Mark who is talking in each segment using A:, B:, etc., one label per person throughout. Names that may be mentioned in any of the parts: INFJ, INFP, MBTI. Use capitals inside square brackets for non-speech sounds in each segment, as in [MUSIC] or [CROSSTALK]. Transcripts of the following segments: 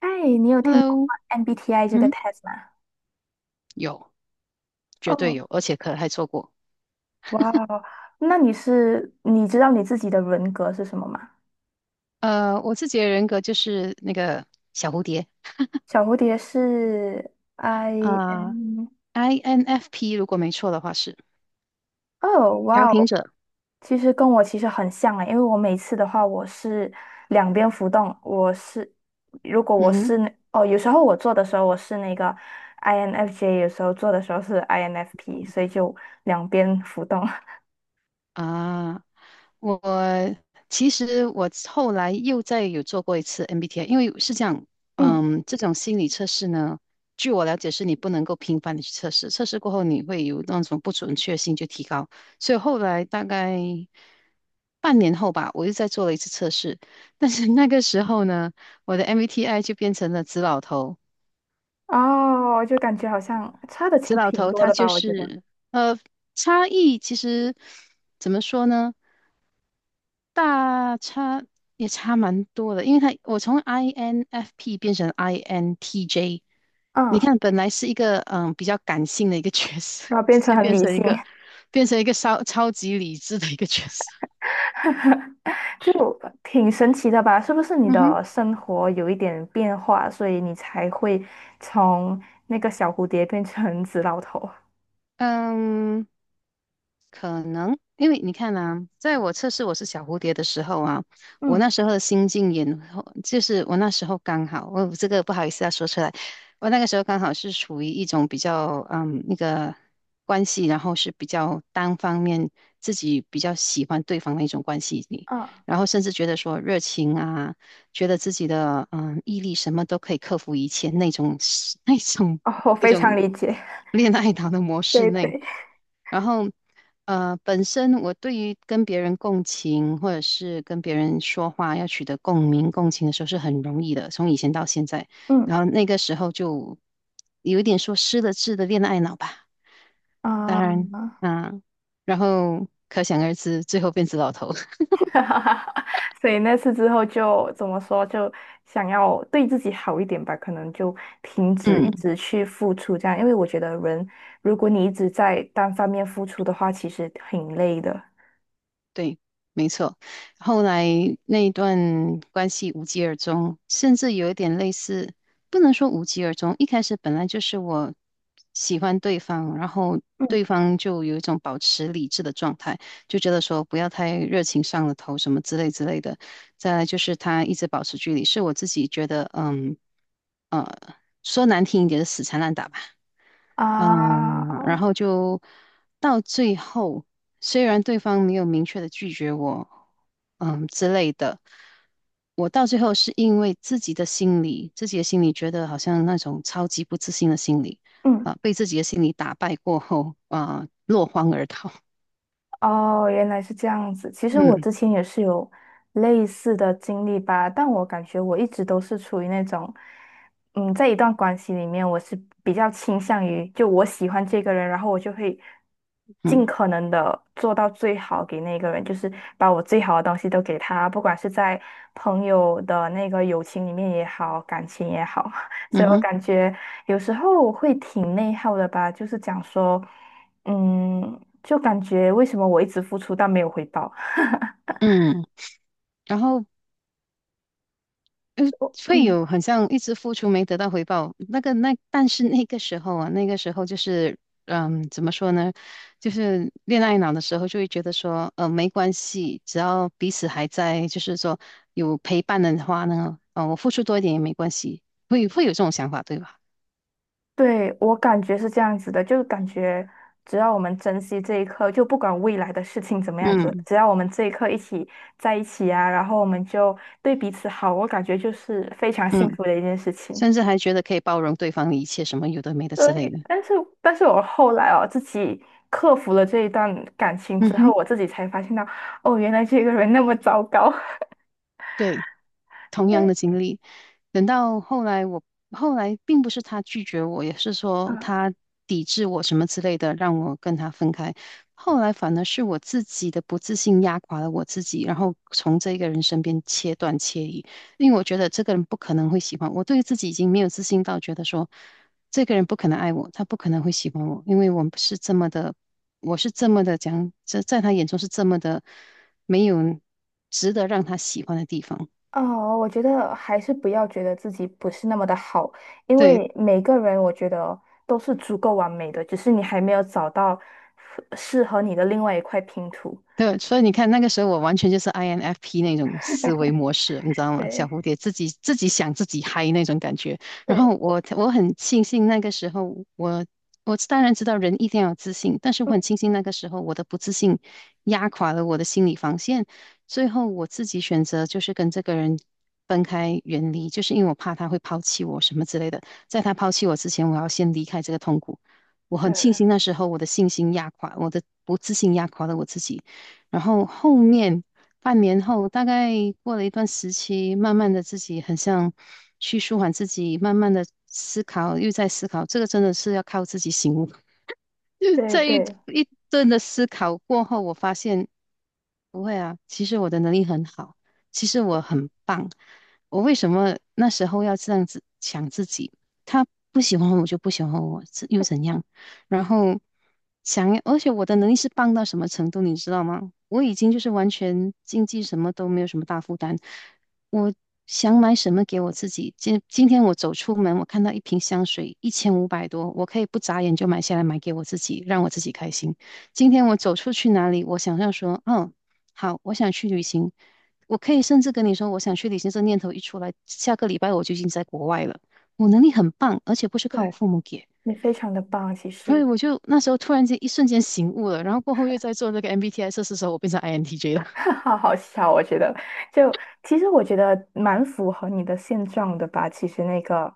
A: 哎，你有听过
B: Hello，
A: MBTI 这个
B: 嗯，
A: test 吗？
B: 有，绝对
A: 哦，
B: 有，而且可能还错过。
A: 哇哦，那你知道你自己的人格是什么吗？
B: 我自己的人格就是那个小蝴蝶
A: 小蝴蝶是 I
B: 啊
A: N，
B: ，INFP 如果没错的话是
A: 哦，
B: 调
A: 哇
B: 停
A: 哦，
B: 者。
A: 其实跟我其实很像诶，因为我每次的话我是两边浮动，我是如果我
B: 嗯哼
A: 是那哦，有时候我做的时候我是那个 INFJ，有时候做的时候是 INFP，所以就两边浮动。[LAUGHS]
B: 啊，我其实后来又再有做过一次 MBTI，因为是这样，
A: 嗯。
B: 这种心理测试呢，据我了解是你不能够频繁的去测试，测试过后你会有那种不准确性就提高，所以后来大概半年后吧，我又再做了一次测试，但是那个时候呢，我的 MBTI 就变成了紫老头，
A: 哦，就感觉好像差的
B: 紫
A: 挺
B: 老
A: 挺
B: 头
A: 多
B: 他
A: 的
B: 就
A: 吧，我觉得，
B: 是呃差异其实怎么说呢？大差也差蛮多的，因为我从 INFP 变成 INTJ，你
A: 嗯，
B: 看本来是一个比较感性的一个角色，
A: 然后
B: [LAUGHS]
A: 变
B: 直
A: 成
B: 接
A: 很
B: 变
A: 理
B: 成一
A: 性，
B: 个超级理智的一个角色。
A: [LAUGHS] 就挺神奇的吧？是不是你
B: 嗯哼，
A: 的生活有一点变化，所以你才会从那个小蝴蝶变成紫老头？
B: 嗯，可能，因为你看啊，在我测试我是小蝴蝶的时候啊，我那
A: 嗯
B: 时候的心境也，就是我那时候刚好，我这个不好意思要说出来，我那个时候刚好是处于一种比较那个关系，然后是比较单方面自己比较喜欢对方的一种关系里，
A: 嗯，
B: 然后甚至觉得说热情啊，觉得自己的毅力什么都可以克服一切那种 [LAUGHS] 那种
A: 哦，我
B: 那
A: 非常
B: 种
A: 理解，
B: [LAUGHS] 恋爱脑的模
A: [LAUGHS]
B: 式
A: 对
B: 内。
A: 对，
B: 然后，本身我对于跟别人共情，或者是跟别人说话要取得共鸣、共情的时候是很容易的，从以前到现在。然
A: 嗯
B: 后那个时候就有一点说失了智的恋爱脑吧。当然，
A: 啊。
B: 嗯、然后可想而知，最后变成老头。
A: [LAUGHS] 哈哈哈，[LAUGHS] 所以那次之后就怎么说，就想要对自己好一点吧，可能就停
B: [LAUGHS]
A: 止一
B: 嗯。
A: 直去付出这样，因为我觉得人，如果你一直在单方面付出的话，其实挺累的
B: 对，没错。后来那一段关系无疾而终，甚至有一点类似，不能说无疾而终。一开始本来就是我喜欢对方，然后
A: 嗯
B: 对方就有一种保持理智的状态，就觉得说不要太热情上了头什么之类之类的。再来就是他一直保持距离，是我自己觉得，呃，说难听一点是死缠烂打吧。
A: 啊。
B: 嗯，然后就到最后，虽然对方没有明确的拒绝我，之类的，我到最后是因为自己的心理，自己的心理觉得好像那种超级不自信的心理，
A: 嗯，
B: 被自己的心理打败过后，落荒而逃。[LAUGHS]
A: 哦，原来是这样子。其实我
B: 嗯，
A: 之前也是有类似的经历吧，但我感觉我一直都是处于那种，在一段关系里面，我是比较倾向于就我喜欢这个人，然后我就会尽
B: 嗯
A: 可能的做到最好给那个人，就是把我最好的东西都给他，不管是在朋友的那个友情里面也好，感情也好，[LAUGHS]
B: 嗯
A: 所以
B: 嗯
A: 我
B: 哼
A: 感觉有时候会挺内耗的吧，就是讲说。嗯，就感觉为什么我一直付出但没有回报？
B: 嗯，然后呃，会
A: 嗯，
B: 有很像一直付出没得到回报，那个那但是那个时候啊，那个时候就是怎么说呢？就是恋爱脑的时候，就会觉得说，没关系，只要彼此还在，就是说有陪伴的话呢，我付出多一点也没关系，会有这种想法，对吧？
A: 对，我感觉是这样子的，就感觉只要我们珍惜这一刻，就不管未来的事情怎么样子，
B: 嗯
A: 只要我们这一刻一起在一起啊，然后我们就对彼此好，我感觉就是非常幸
B: 嗯，
A: 福的一件事情。
B: 甚至还觉得可以包容对方的一切，什么有的没的
A: 所
B: 之类的。
A: 以，但是，我后来自己克服了这一段感情
B: 嗯
A: 之后，
B: 哼，
A: 我自己才发现到，哦，原来这个人那么糟糕。[LAUGHS]
B: 对。同样
A: 对，
B: 的经历。等到后来我，后来并不是他拒绝我，也是说
A: 啊。
B: 他抵制我什么之类的，让我跟他分开。后来反而是我自己的不自信压垮了我自己，然后从这个人身边切断切离，因为我觉得这个人不可能会喜欢我，对于自己已经没有自信到觉得说这个人不可能爱我，他不可能会喜欢我，因为我们是这么的，我是这么的讲，这在他眼中是这么的没有值得让他喜欢的地方。
A: 哦，我觉得还是不要觉得自己不是那么的好，因
B: 对，
A: 为每个人我觉得都是足够完美的，只是你还没有找到适合你的另外一块拼图。
B: 对，所以你看那个时候我完全就是 INFP 那种思维模式，你知
A: [LAUGHS]
B: 道吗？小
A: 对
B: 蝴蝶自己想自己嗨那种感觉。然后
A: 对，
B: 我很庆幸那个时候我当然知道人一定要有自信，但是我
A: 嗯，
B: 很庆幸那个时候我的不自信压垮了我的心理防线，最后我自己选择就是跟这个人分开远离，就是因为我怕他会抛弃我什么之类的。在他抛弃我之前，我要先离开这个痛苦。我很庆
A: 对
B: 幸那时候我的信心压垮，我的不自信压垮了我自己。然后后面半年后，大概过了一段时期，慢慢的自己很像去舒缓自己，慢慢的思考，又在思考，这个真的是要靠自己醒悟。就是
A: 对
B: 这
A: 对
B: 一顿的思考过后，我发现不会啊，其实我的能力很好，其实我很棒，我为什么那时候要这样子想自己？他不喜欢我就不喜欢我，是又怎样？然后想要，而且我的能力是棒到什么程度，你知道吗？我已经就是完全经济什么都没有什么大负担，我想买什么给我自己？今天我走出门，我看到一瓶香水，1500多，我可以不眨眼就买下来买给我自己，让我自己开心。今天我走出去哪里，我想象说，好，我想去旅行，我可以甚至跟你说，我想去旅行，这念头一出来，下个礼拜我就已经在国外了。我能力很棒，而且不是靠我
A: 对，
B: 父母给，
A: 你非常的棒，其
B: 所以
A: 实，
B: 我就那时候突然间一瞬间醒悟了，然后过后又在做那个 MBTI 测试的时候，我变成 INTJ 了。
A: [LAUGHS] 好好笑，我觉得，就其实我觉得蛮符合你的现状的吧，其实那个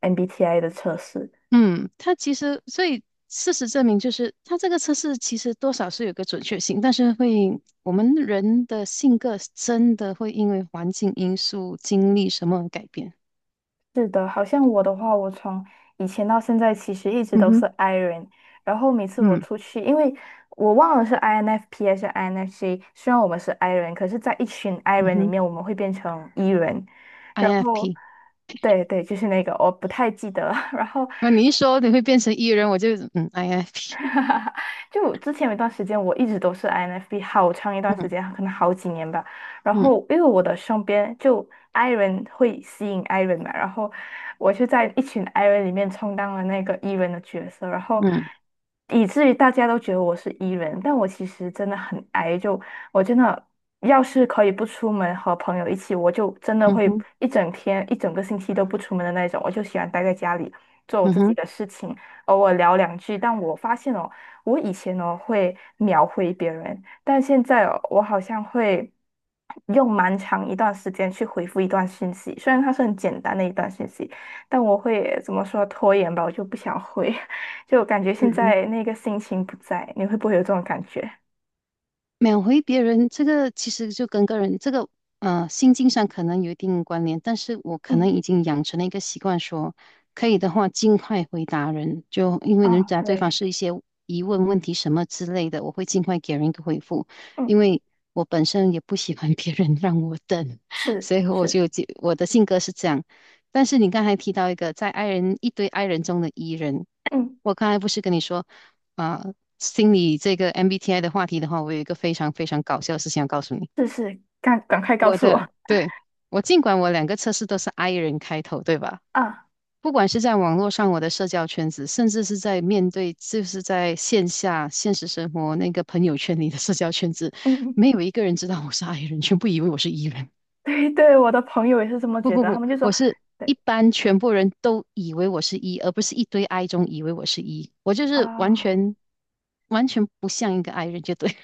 A: MBTI 的测试，
B: 嗯，它其实，所以事实证明，就是它这个测试其实多少是有个准确性，但是会我们人的性格真的会因为环境因素、经历什么而改变。
A: 是的，好像我的话，我从以前到现在其实一直
B: 嗯
A: 都是
B: 哼，
A: I r o n 然后每次我
B: 嗯
A: 出去，因为我忘了是 INFP 还是 INFJ，虽然我们是 I r o n 可是在一群 I r o
B: 嗯
A: n 里
B: 哼
A: 面，我们会变成 E 人，然后
B: ，INFP。
A: 对对，就是那个我不太记得了 [LAUGHS] 然后
B: 那你一说你会变成 E 人，我就INFP。
A: 就我之前有一段时间，我一直都是 INFP，好长一段时
B: 嗯
A: 间，可能好几年吧。然
B: 嗯
A: 后因为我的身边就 I 人会吸引 I 人嘛，然后我就在一群 I 人里面充当了那个 E 人的角色，然后
B: 嗯
A: 以至于大家都觉得我是 E 人，但我其实真的很 I，就我真的要是可以不出门和朋友一起，我就真的
B: 嗯
A: 会
B: 哼
A: 一整天、一整个星期都不出门的那种，我就喜欢待在家里做我
B: 嗯
A: 自己
B: 哼
A: 的事情，偶尔聊两句。但我发现哦。我以前呢会秒回别人，但现在哦我好像会用蛮长一段时间去回复一段讯息，虽然它是很简单的一段讯息，但我会怎么说拖延吧，我就不想回，[LAUGHS] 就感觉
B: 嗯
A: 现
B: 哼
A: 在那个心情不在，你会不会有这种感觉？
B: 秒回别人，这个其实就跟个人这个心境上可能有一定关联，但是我可能
A: 嗯，
B: 已经养成了一个习惯说，可以的话尽快回答人，就因为人
A: 啊，
B: 家对
A: 对，
B: 方是一些疑问、问题什么之类的，我会尽快给人一个回复，
A: 嗯，
B: 因为我本身也不喜欢 [LAUGHS] 别人让我等，[LAUGHS]
A: 是
B: 所以我
A: 是，
B: 就我的性格是这样。但是你刚才提到一个在爱人一堆爱人中的 E 人，
A: 嗯，
B: 我刚才不是跟你说。啊、呃心理这个 MBTI 的话题的话，我有一个非常非常搞笑的事情要告诉你。
A: 是是，赶快告
B: 我
A: 诉
B: 的，
A: 我
B: 对，我尽管我两个测试都是 I 人开头，对吧？
A: 啊，
B: 不管是在网络上我的社交圈子，甚至是在面对就是在线下现实生活那个朋友圈里的社交圈子，
A: 嗯嗯，
B: 没有一个人知道我是 I 人，全部以为我是 E 人。
A: [LAUGHS] 对对，我的朋友也是这么
B: 不
A: 觉
B: 不
A: 得，他
B: 不，
A: 们就说，
B: 我是一
A: 对
B: 般全部人都以为我是 E，而不是一堆 I 中以为我是 E。我就是
A: 啊。
B: 完全不像一个 I 人，就对了，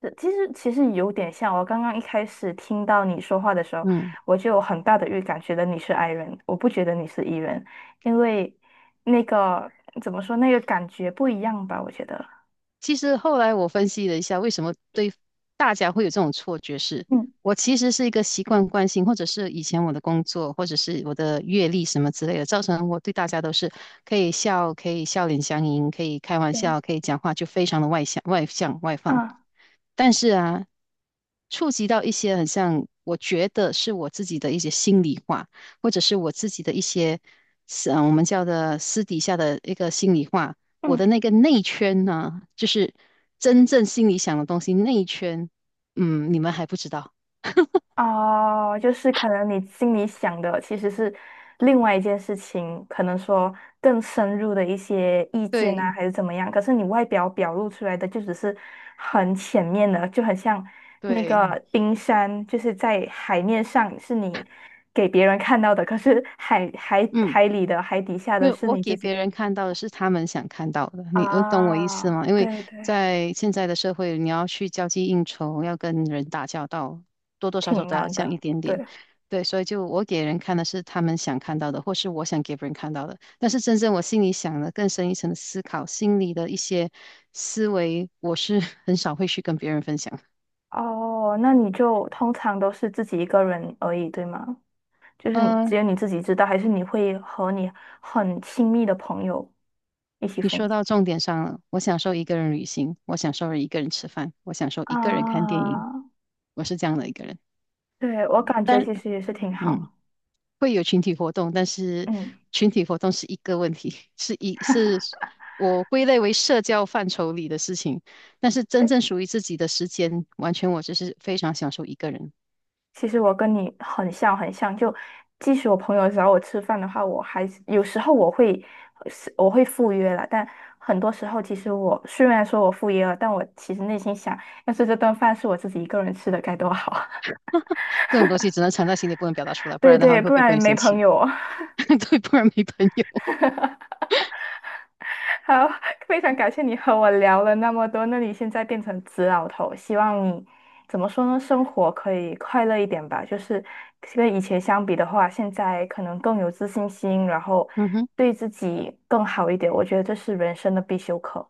A: 是其实有点像，我刚刚一开始听到你说话的时候，
B: 嗯。
A: 我就有很大的预感，觉得你是 I 人，我不觉得你是 E 人，因为那个怎么说，那个感觉不一样吧，我觉得。
B: 其实后来我分析了一下，为什么对大家会有这种错觉是，
A: 嗯，
B: 我其实是一个习惯惯性，或者是以前我的工作，或者是我的阅历什么之类的，造成我对大家都是可以笑，可以笑脸相迎，可以开玩
A: 对，
B: 笑，可以讲话，就非常的外向、外向、外放。
A: 嗯
B: 但是啊，触及到一些很像我觉得是我自己的一些心里话，或者是我自己的一些，我们叫的私底下的一个心里话。我
A: 嗯。
B: 的那个内圈呢，就是真正心里想的东西，内圈，你们还不知道。
A: 哦，就是可能你心里想的其实是另外一件事情，可能说更深入的一些意见啊，
B: 对
A: 还是怎么样。可是你外表表露出来的就只是很浅面的，就很像那
B: 对，
A: 个冰山，就是在海面上是你给别人看到的，可是海海
B: 嗯。
A: 海里的海底下
B: 没
A: 的
B: 有，
A: 是
B: 我
A: 你自
B: 给
A: 己
B: 别人看到的是他们想看到的，你我懂我意思
A: 啊。
B: 吗？因为
A: 对对，
B: 在现在的社会，你要去交际应酬，要跟人打交道，多多少少
A: 挺
B: 都要
A: 难
B: 这样一
A: 的。
B: 点点。
A: 对，
B: 对，所以就我给人看的是他们想看到的，或是我想给别人看到的。但是真正我心里想的更深一层的思考，心里的一些思维，我是 [LAUGHS] 很少会去跟别人分享。
A: 哦，那你就通常都是自己一个人而已，对吗？就是你只
B: 嗯、
A: 有你自己知道，还是你会和你很亲密的朋友一起
B: 你
A: 分
B: 说
A: 享？
B: 到重点上了，我享受一个人旅行，我享受一个人吃饭，我享受一个人看电影，
A: 啊，
B: 我是这样的一个人。
A: 对，我感觉
B: 但。
A: 其实也是挺
B: 嗯，
A: 好。
B: 会有群体活动，但是
A: 嗯，
B: 群体活动是一个问题，[LAUGHS] 是我归类为社交范畴里的事情。但是真正属于自己的时间，完全我就是非常享受一个人。
A: 其实我跟你很像，很像。就即使我朋友找我吃饭的话，我还是有时候我会赴约了，但很多时候其实我虽然说我赴约了，但我其实内心想，要是这顿饭是我自己一个人吃的该多好啊。
B: 这种东西只能藏在心里，不能表达出来，
A: [LAUGHS]
B: 不
A: 对
B: 然的话
A: 对，
B: 会
A: 不
B: 被朋
A: 然
B: 友
A: 没
B: 嫌
A: 朋
B: 弃。
A: 友。
B: [LAUGHS] 对，不然没朋友。
A: [LAUGHS] 好，非常感谢你和我聊了那么多。那你现在变成紫老头，希望你怎么说呢？生活可以快乐一点吧。就是跟以前相比的话，现在可能更有自信心，然后
B: 嗯哼，
A: 对自己更好一点。我觉得这是人生的必修课，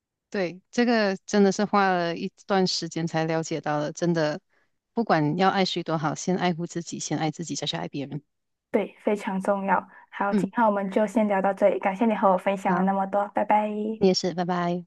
B: [LAUGHS] 对，这个真的是花了一段时间才了解到的，真的，不管要爱谁多好，先爱护自己，先爱自己，再去爱别人。
A: 对，非常重要。好，今
B: 嗯，
A: 天我们就先聊到这里，感谢你和我分享了
B: 好，
A: 那么多，拜拜。
B: 你也是，拜拜。